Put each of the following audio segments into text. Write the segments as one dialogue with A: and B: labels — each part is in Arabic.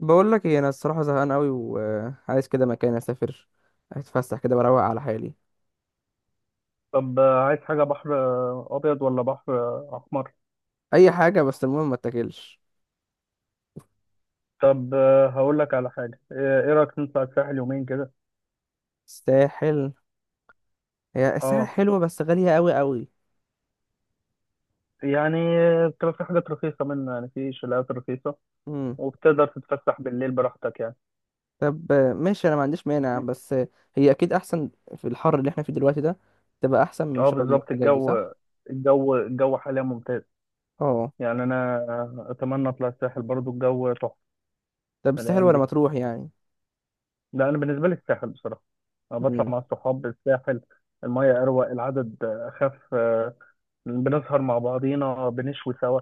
A: بقول لك ايه، انا الصراحه زهقان قوي وعايز كده مكان اسافر، اتفسح كده، بروق على حالي.
B: طب آه، عايز حاجة بحر آه، أبيض ولا بحر آه، أحمر؟
A: اي حاجه، بس المهم ما اتاكلش.
B: طب آه، هقول لك على حاجة إيه رأيك نطلع الساحل يومين كده؟
A: الساحل؟ هي الساحل
B: أه،
A: حلوه، بس غاليه قوي قوي.
B: يعني آه، بتبقى في حاجات رخيصة منه، يعني في شاليهات رخيصة،
A: امم.
B: وبتقدر تتفسح بالليل براحتك يعني.
A: طب، ماشي، انا ما عنديش مانع،
B: فاهمني؟
A: بس هي اكيد احسن. في الحر اللي احنا فيه دلوقتي ده تبقى احسن من
B: أه،
A: شرم
B: بالظبط.
A: والحاجات دي،
B: الجو
A: صح؟
B: الجو الجو حاليا ممتاز.
A: اه.
B: يعني أنا آه، أتمنى أطلع الساحل برضو، الجو تحفة
A: طب، الساحل
B: الأيام
A: ولا
B: دي.
A: مطروح يعني؟
B: لا أنا بالنسبة لي الساحل بصراحة، أنا بطلع
A: امم.
B: مع الصحاب الساحل، المية أروق، العدد أخف، بنسهر مع بعضينا، بنشوي سوا.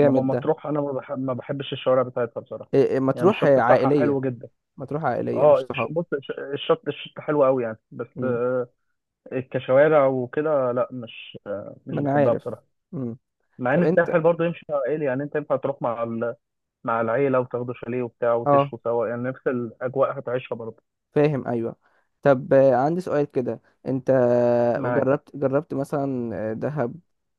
B: انما
A: ده.
B: مطروح انا ما بحبش الشوارع بتاعتها بصراحه.
A: إيه،
B: يعني
A: مطروح
B: الشط بتاعها
A: عائليه.
B: حلو جدا.
A: مطروح عائليه، مش
B: اه، الش-
A: صحاب.
B: بص الش- الشط الشط حلو قوي يعني، بس
A: امم.
B: آه، كشوارع وكده لا، مش آه، مش
A: ما انا
B: بحبها
A: عارف.
B: بصراحه.
A: امم.
B: مع
A: طب
B: ان
A: انت.
B: الساحل برضه يمشي مع عائلي، يعني انت ينفع تروح مع ال... مع العيله وتاخدوا شاليه وبتاع
A: اه.
B: وتشوا سوا، يعني نفس الاجواء هتعيشها برضه.
A: فاهم، ايوه. طب، عندي سؤال كده. انت.
B: معاك.
A: جربت مثلا دهب،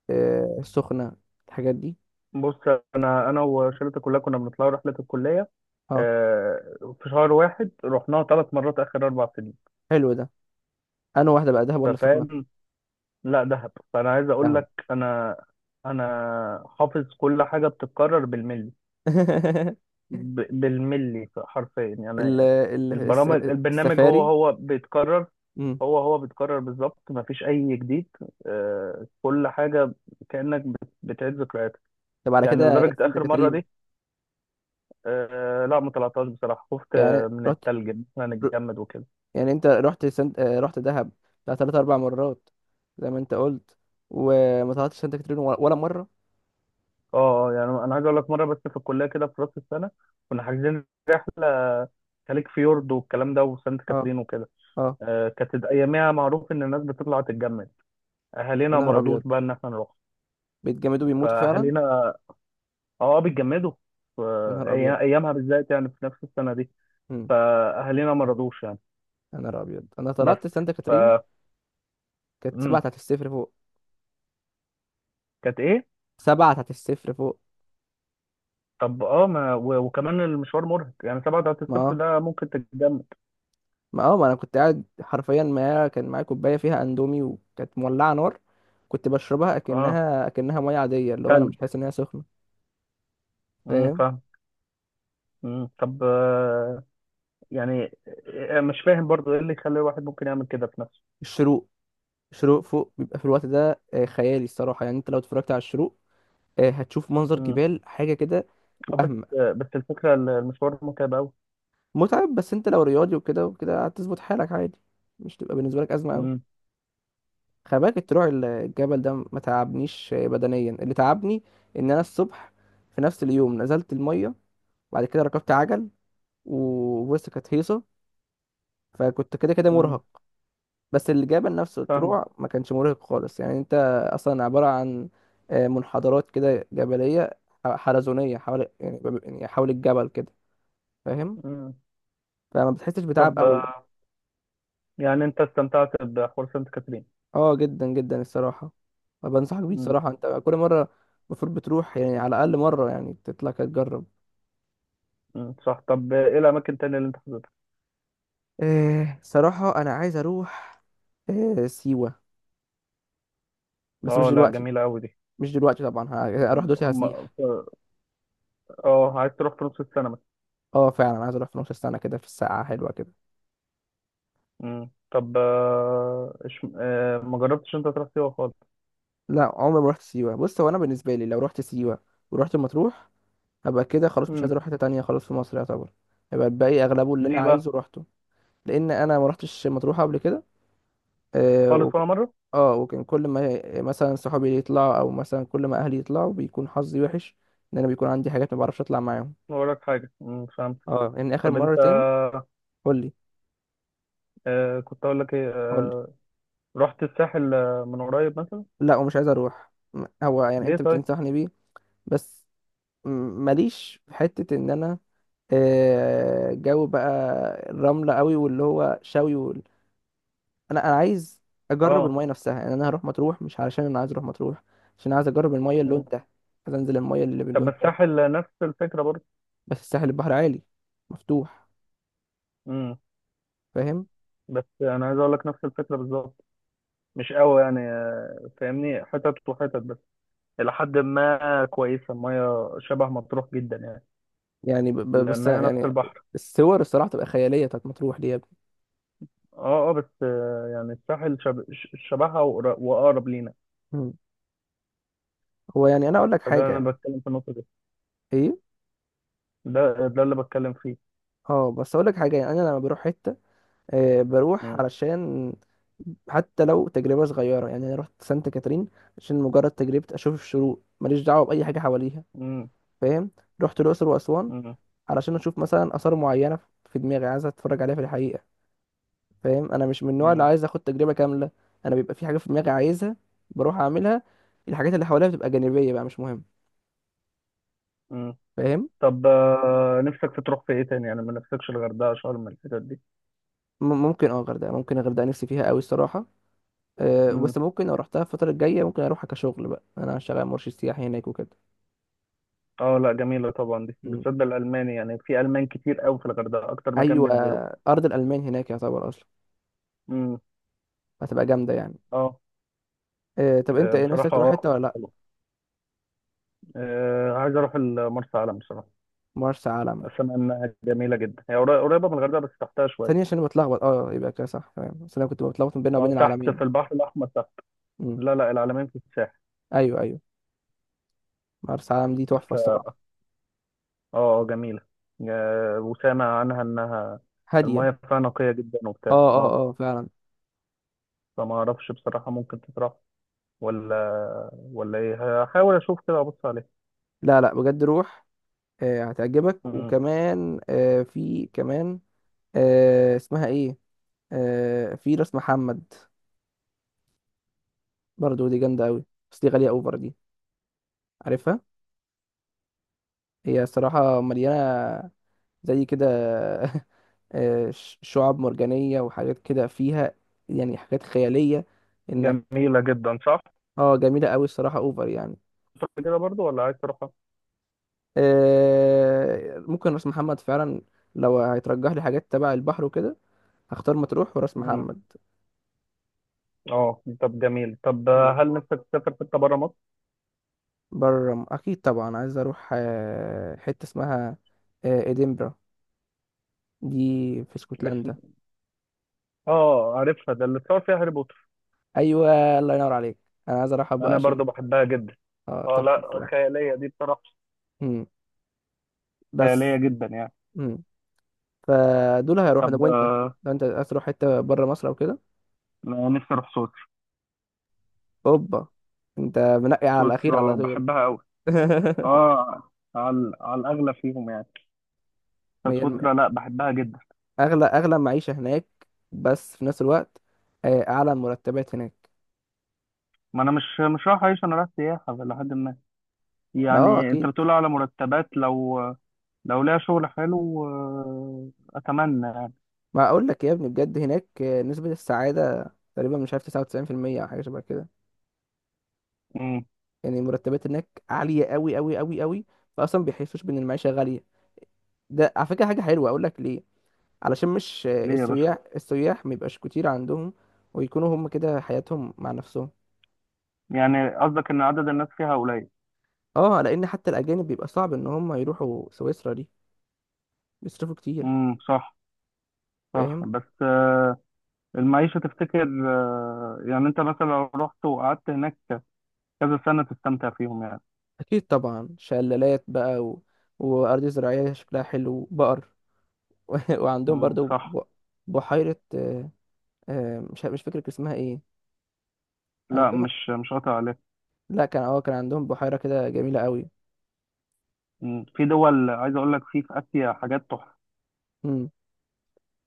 A: السخنة، الحاجات دي؟
B: بص، انا وشلتي كلها كنا بنطلع رحله الكليه،
A: اه.
B: آه، في شهر واحد رحناها 3 مرات اخر 4 سنين.
A: حلو ده. انا واحدة بقى، دهب ولا سخنة؟
B: ففاهم. لا دهب، فانا عايز اقول
A: دهب.
B: لك انا انا حافظ كل حاجه بتتكرر بالملي. بالملي حرفيا
A: ال
B: يعني.
A: ال الس-
B: البرنامج هو
A: السفاري.
B: هو بيتكرر.
A: امم.
B: هو بيتكرر بالظبط، مفيش اي جديد. آه، كل حاجه كانك بتعيد ذكرياتك.
A: طب على
B: يعني
A: كده
B: لدرجه
A: سانت
B: اخر مره دي
A: كاترين؟
B: آه، لا ما طلعتهاش بصراحه، خفت
A: يعني
B: آه، من
A: رحت،
B: التلج إن احنا
A: ر-
B: نتجمد وكده.
A: يعني انت رحت سنت... آه، رحت دهب بتاع تلات اربع مرات، زي ما انت قلت، وما طلعتش سانت كاترين ولا مرة.
B: اه اه، يعني انا عايز اقول لك مره بس في الكليه كده في راس السنه كنا حاجزين رحله خليج فيورد والكلام ده وسانت
A: اه،
B: كاترين وكده.
A: اه.
B: آه، كانت اياميها معروف ان الناس بتطلع تتجمد،
A: يا
B: اهالينا ما
A: نهار
B: رضوش
A: ابيض!
B: بقى ان احنا نروح.
A: بيتجمدوا، بيموتوا فعلا.
B: فاهالينا اه، اه بيتجمدوا. ف-
A: يا نهار
B: أي-
A: ابيض!
B: ايامها بالذات يعني في نفس السنه دي،
A: مم.
B: فاهالينا ما رضوش يعني.
A: يا نهار ابيض، انا
B: بس
A: طلعت سانتا
B: ف
A: كاترين! كانت 7
B: مم.
A: تحت الصفر فوق.
B: كانت ايه؟
A: 7 تحت الصفر فوق.
B: طب اه، ما و- وكمان المشوار مرهق، يعني 7 بتاعت
A: ما
B: الصيف
A: اه
B: ده ممكن تتجمد.
A: ما انا كنت قاعد حرفيا، معايا كان معايا كوبايه فيها اندومي، وكانت مولعه نار. كنت بشربها
B: اه،
A: اكنها ميه عاديه، اللي هو انا
B: تلج.
A: مش حاسس ان هي سخنه. فاهم؟
B: فاهم. مم. طب آه، يعني مش فاهم برضو ايه اللي يخلي الواحد ممكن يعمل كده في نفسه.
A: الشروق. الشروق فوق بيبقى في الوقت ده خيالي الصراحه، يعني انت لو اتفرجت على الشروق، هتشوف منظر
B: امم.
A: جبال حاجه كده.
B: آه، بس
A: وهم.
B: آه، بس الفكرة المشوار متعب قوي.
A: متعب، بس انت لو رياضي وكده وكده هتظبط حالك عادي. مش تبقى بالنسبه لك ازمه.
B: امم.
A: خلي بالك، الطلوع الجبل ده ما تعبنيش، بدنيا اللي تعبني ان انا الصبح في نفس اليوم نزلت الميه، بعد كده ركبت عجل، وبص كانت هيصه، فكنت كده كده
B: امم
A: مرهق. بس الجبل نفسه
B: فاهم.
A: الطلوع ما كانش مرهق خالص، يعني انت اصلا عباره عن منحدرات كده جبليه، حلزونيه حوالي، يعني يعني حول الجبل كده. فاهم؟
B: امم.
A: فما بتحسش بتعب
B: طب
A: قوي.
B: آه، يعني انت استمتعت بحوار سانت كاترين.
A: اه، جدا جدا الصراحه. بنصحك بيه
B: امم.
A: الصراحه، انت كل مره المفروض بتروح، يعني على الاقل مره، يعني تطلع كده تجرب.
B: أمم، صح. طب ايه الاماكن التانية اللي انت حضرتها؟
A: صراحة أنا عايز أروح سيوة، بس مش
B: اه لا،
A: دلوقتي.
B: جميلة قوي دي.
A: مش دلوقتي طبعا، هروح
B: أم...
A: دلوقتي
B: أم-
A: هسيح.
B: اه، عايز تروح في نص السنة مثلا.
A: اه، فعلا عايز أروح في نص السنة كده، في الساعة حلوة كده.
B: امم. طب آه، ما جربتش انت تروح سيوة خالص.
A: لا، عمري ما رحت سيوة. بص، هو أنا بالنسبة لي لو رحت سيوة ورحت مطروح، هبقى كده خلاص، مش
B: امم.
A: عايز أروح حتة تانية خلاص في مصر يعتبر. هيبقى الباقي أغلبه اللي أنا
B: ليه بقى؟
A: عايزه روحته. لأن أنا ما رحتش مطروح قبل كده. آه
B: خالص
A: وك...
B: ولا مرة؟
A: اه، وكان كل ما مثلا صحابي يطلعوا، أو مثلا كل ما أهلي يطلعوا، بيكون حظي وحش. إن أنا بيكون عندي حاجات ما بعرفش أطلع معاهم.
B: ما وراك حاجة. فهمت.
A: اه، يعني آخر
B: طب انت
A: مرتين. قول لي.
B: آه، كنت اقول لك ايه،
A: قول لي.
B: آه، رحت الساحل آه، من قريب مثلا؟
A: لا، ومش عايز اروح. هو يعني
B: ليه
A: انت
B: طيب؟
A: بتنصحني بيه؟ بس. م- ماليش في حتة ان انا جو بقى الرملة قوي، واللي هو شوي انا عايز اجرب
B: اه.
A: المايه نفسها، يعني انا هروح مطروح مش علشان انا عايز اروح مطروح، عشان عايز اجرب المايه اللون
B: مم.
A: ده، عايز انزل المايه اللي
B: طب
A: باللون
B: ما
A: ده.
B: الساحل نفس الفكره برضه.
A: بس الساحل البحر عالي، مفتوح.
B: امم.
A: فاهم؟
B: بس انا عايز اقول لك نفس الفكره بالظبط. مش قوي يعني آه، فاهمني، حتت وحتت بس الى حد ما كويسه، الميه شبه مطروح جدا يعني،
A: يعني بس
B: لانها نفس
A: يعني.
B: البحر.
A: الصور الصراحة تبقى خيالية بتاعت مطروح دي يا ابني.
B: اه اه، بس آه، يعني الساحل شبهها، واقرب لينا.
A: مم. هو يعني انا اقول لك
B: فده
A: حاجة.
B: انا بتكلم في النقطه دي.
A: ايه؟
B: ده اللي بتكلم فيه.
A: اه، بس اقول لك حاجة، يعني انا لما بروح حتة بروح
B: امم.
A: علشان حتى لو تجربة صغيرة. يعني أنا رحت سانت كاترين عشان مجرد تجربة، أشوف الشروق، ماليش دعوة بأي حاجة حواليها. فاهم؟ رحت الأقصر وأسوان
B: امم.
A: علشان أشوف مثلا آثار معينة في دماغي عايز أتفرج عليها في الحقيقة. فاهم؟ أنا مش من النوع اللي عايز أخد تجربة كاملة، أنا بيبقى في حاجة في دماغي عايزها، بروح أعملها. الحاجات اللي حواليها بتبقى جانبية بقى، مش مهم.
B: امم.
A: فاهم؟
B: طب آه، نفسك في تروح في ايه تاني؟ يعني ما نفسكش الغردقه، شرم، الحتت دي؟
A: ممكن، اه، غردقة، ممكن الغردقة نفسي فيها قوي الصراحة. أه،
B: امم.
A: بس ممكن لو رحتها الفترة الجاية ممكن أروحها كشغل، بقى أنا شغال مرشد سياحي هناك وكده.
B: اه لا جميله طبعا دي بالذات الالماني، يعني في المان كتير قوي في الغردقه، اكتر مكان
A: ايوه،
B: بينزلوه.
A: ارض الالمان هناك يعتبر اصلا،
B: امم.
A: هتبقى جامده يعني.
B: اه.
A: إيه، طب انت
B: آه،
A: ايه نفسك
B: بصراحه
A: تروح حته
B: اه
A: ولا لا؟
B: حلو. آه، عايز اروح مرسى علم بصراحه.
A: مرسى علم؟
B: اسمع انها جميله جدا، هي قريبه من الغردقه بس تحتها شويه.
A: ثانيه، عشان أنا بتلخبط. اه، يبقى كده صح تمام، بس انا كنت بتلخبط بيننا وبين
B: اه، تحت في
A: العالمين.
B: البحر الاحمر تحت.
A: امم.
B: لا لا، العلمين في الساحل.
A: ايوه، ايوه، مرسى علم دي تحفه الصراحه.
B: اه، آه، جميله. آه، وسامع عنها انها
A: هاديه.
B: المايه فيها نقيه جدا وبتاع،
A: اه،
B: اه.
A: اه، اه، فعلا.
B: فما اعرفش بصراحه ممكن تتراح ولا ايه. هحاول اشوف كده ابص عليه.
A: لا، لا، بجد روح. هتعجبك،
B: مم.
A: وكمان في كمان، اسمها ايه؟ في راس محمد، برضو دي جامده قوي. بس دي غاليه اوفر دي. عارفها؟ هي الصراحه مليانه، زي كده. شعاب مرجانية وحاجات كده فيها، يعني حاجات خيالية. انك.
B: جميلة جدا شهر
A: اه، جميلة قوي الصراحة، اوفر يعني.
B: كده برضو، ولا عايز تروحها؟
A: ممكن راس محمد فعلا، لو هيترجح لي حاجات تبع البحر وكده، هختار مطروح وراس
B: مم.
A: محمد.
B: اه طب جميل. طب
A: مم.
B: هل نفسك تسافر حتة بره مصر؟
A: بره، اكيد طبعا، عايز اروح حتة اسمها ادنبرا، دي في
B: اسم.
A: اسكتلندا.
B: اه عارفها، ده اللي اتصور فيها هاري بوتر.
A: ايوه، الله ينور عليك. انا عايز اروحها بقى
B: انا
A: عشان
B: برضو بحبها جدا.
A: اه،
B: اه
A: تحفة
B: لا
A: الصراحة.
B: خيالية دي بصراحة.
A: مم.
B: خيالية
A: بس.
B: جدا يعني.
A: مم. فدول هيروحوا،
B: طب
A: لو انت
B: آه،
A: لو انت عايز تروح حته بره مصر او كده.
B: أنا نفسي اروح سويسرا.
A: اوبا! انت منقي على الاخير على
B: سويسرا
A: طول.
B: بحبها قوي. اه، على على الاغلى فيهم يعني.
A: ما
B: بس
A: هي- الم-
B: سويسرا لا، بحبها جدا.
A: اغلى معيشه هناك، بس في نفس الوقت اعلى المرتبات هناك.
B: ما انا مش رايح اعيش، انا رايح سياحة لحد.
A: ما
B: يعني انت
A: اكيد.
B: بتقول على مرتبات، لو ليها شغل حلو آه، اتمنى يعني.
A: ما اقول لك يا ابني، بجد هناك نسبه السعاده تقريبا، مش عارف، 99% او حاجه شبه كده.
B: امم.
A: يعني المرتبات هناك عاليه قوي قوي قوي قوي، فاصلا بيحسوش بان المعيشه غاليه. ده على فكره حاجه حلوه، اقول لك ليه؟ علشان مش
B: ليه يا باشا؟
A: السياح ميبقاش كتير عندهم، ويكونوا هم كده حياتهم مع نفسهم.
B: يعني قصدك ان عدد الناس فيها قليل؟
A: اه، لان حتى الاجانب بيبقى صعب ان هم يروحوا سويسرا دي، بيصرفوا كتير.
B: صح. صح،
A: فاهم؟
B: بس آه، المعيشة تفتكر آه، يعني انت مثلا لو رحت وقعدت هناك كذا سنة تستمتع فيهم يعني؟
A: اكيد طبعا، شلالات بقى وارض زراعيه شكلها حلو، بقر. وعندهم برضو
B: صح.
A: بحيره، مش فاكر كان اسمها ايه.
B: لا
A: عندهم،
B: مش قاطع عليك.
A: لا، كان عندهم بحيره كده جميله قوي.
B: مم. في دول عايز اقول لك، في في اسيا حاجات تحفة.
A: امم.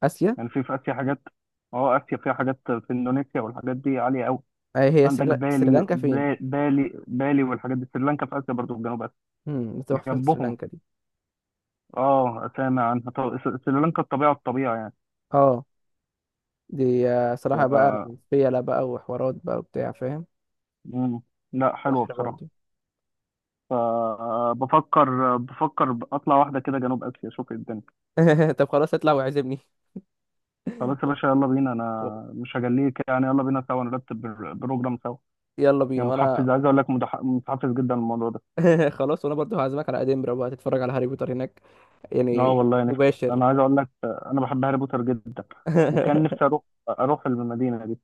A: اسيا؟
B: يعني في في اسيا حاجات. اه، اسيا فيها حاجات، في اندونيسيا والحاجات دي عالية قوي.
A: هي
B: عندك بالي،
A: سريلانكا فين؟
B: بالي بالي والحاجات دي، سريلانكا في اسيا برضو، في جنوب اسيا
A: امم، تحفه
B: جنبهم.
A: سريلانكا دي.
B: اه، سامع عنها. طب سريلانكا الطبيعه الطبيعه يعني.
A: اه، دي صراحة بقى
B: ف
A: فيلا بقى، وحوارات بقى وبتاع، فاهم؟
B: مم. لا حلوه
A: بحر
B: بصراحه.
A: برضو.
B: فبفكر، بفكر، بفكر اطلع واحده كده جنوب اسيا اشوف إيه الدنيا.
A: طب خلاص، اطلع وعزمني.
B: خلاص يا باشا يلا بينا، انا
A: و-
B: مش هجليك يعني. يلا بينا سوا نرتب بروجرام سوا.
A: يلا بينا،
B: يعني
A: وانا.
B: متحفز، عايز اقول لك متحفز جدا للموضوع ده.
A: خلاص، وانا برضو هعزمك على ادنبرا بقى تتفرج على هاري بوتر هناك،
B: اه
A: يعني،
B: والله نفسي.
A: مباشر.
B: انا عايز اقول لك انا بحب هاري بوتر جدا، وكان نفسي اروح، اروح المدينه دي.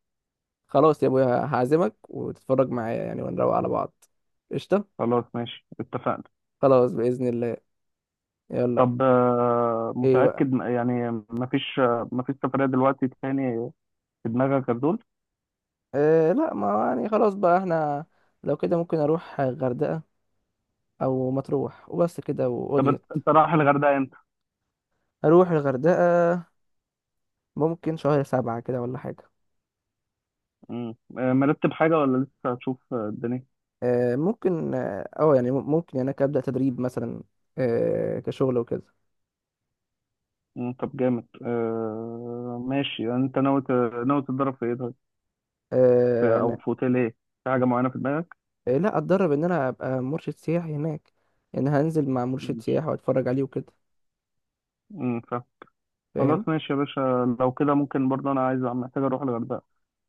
A: خلاص يا ابويا هعزمك، وتتفرج معايا يعني ونروق على بعض. قشطة.
B: خلاص ماشي اتفقنا.
A: خلاص بإذن الله. يلا.
B: طب آه،
A: ايه بقى؟
B: متأكد يعني مفيش آه، مفيش سفرية دلوقتي تاني في دماغك غير دول؟
A: إيه، لا ما يعني، خلاص بقى احنا لو كده ممكن اروح غردقة او مطروح، وبس كده
B: طب انت،
A: وقضيت.
B: انت رايح الغردقة امتى؟
A: اروح الغردقة ممكن شهر سبعة كده ولا حاجة.
B: مم. آه، مرتب حاجة ولا لسه هتشوف آه، الدنيا؟
A: ممكن، يعني، ممكن يعني أنا أبدأ تدريب مثلا، كشغل وكده.
B: مم، طب جامد. آه، ماشي، يعني انت ناوي ناوي تتدرب في ايه طيب؟ او
A: أنا.
B: في اوتيل ايه؟ في حاجة معينة في دماغك؟
A: لا، أتدرب إن أنا أبقى مرشد سياحي هناك، إن هنزل مع مرشد
B: ماشي.
A: سياحي وأتفرج عليه وكده.
B: مم، فاهم. خلاص
A: فاهم.
B: ماشي يا باشا، لو كده ممكن برضه انا عايز، محتاج اروح الغردقة،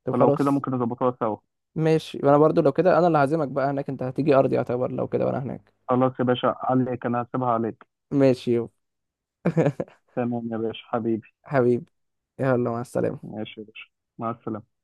A: طب
B: فلو كده
A: خلاص.
B: ممكن نظبطوها سوا.
A: ماشي، وأنا برضو لو كده أنا اللي هعزمك بقى هناك، أنت هتيجي أرضي يعتبر لو كده وأنا هناك.
B: خلاص يا باشا، عليك، انا هسيبها عليك.
A: ماشي يو.
B: تمام يا باشا حبيبي.
A: حبيبي. يلا، مع السلامة.
B: ماشي يا باشا، مع السلامة.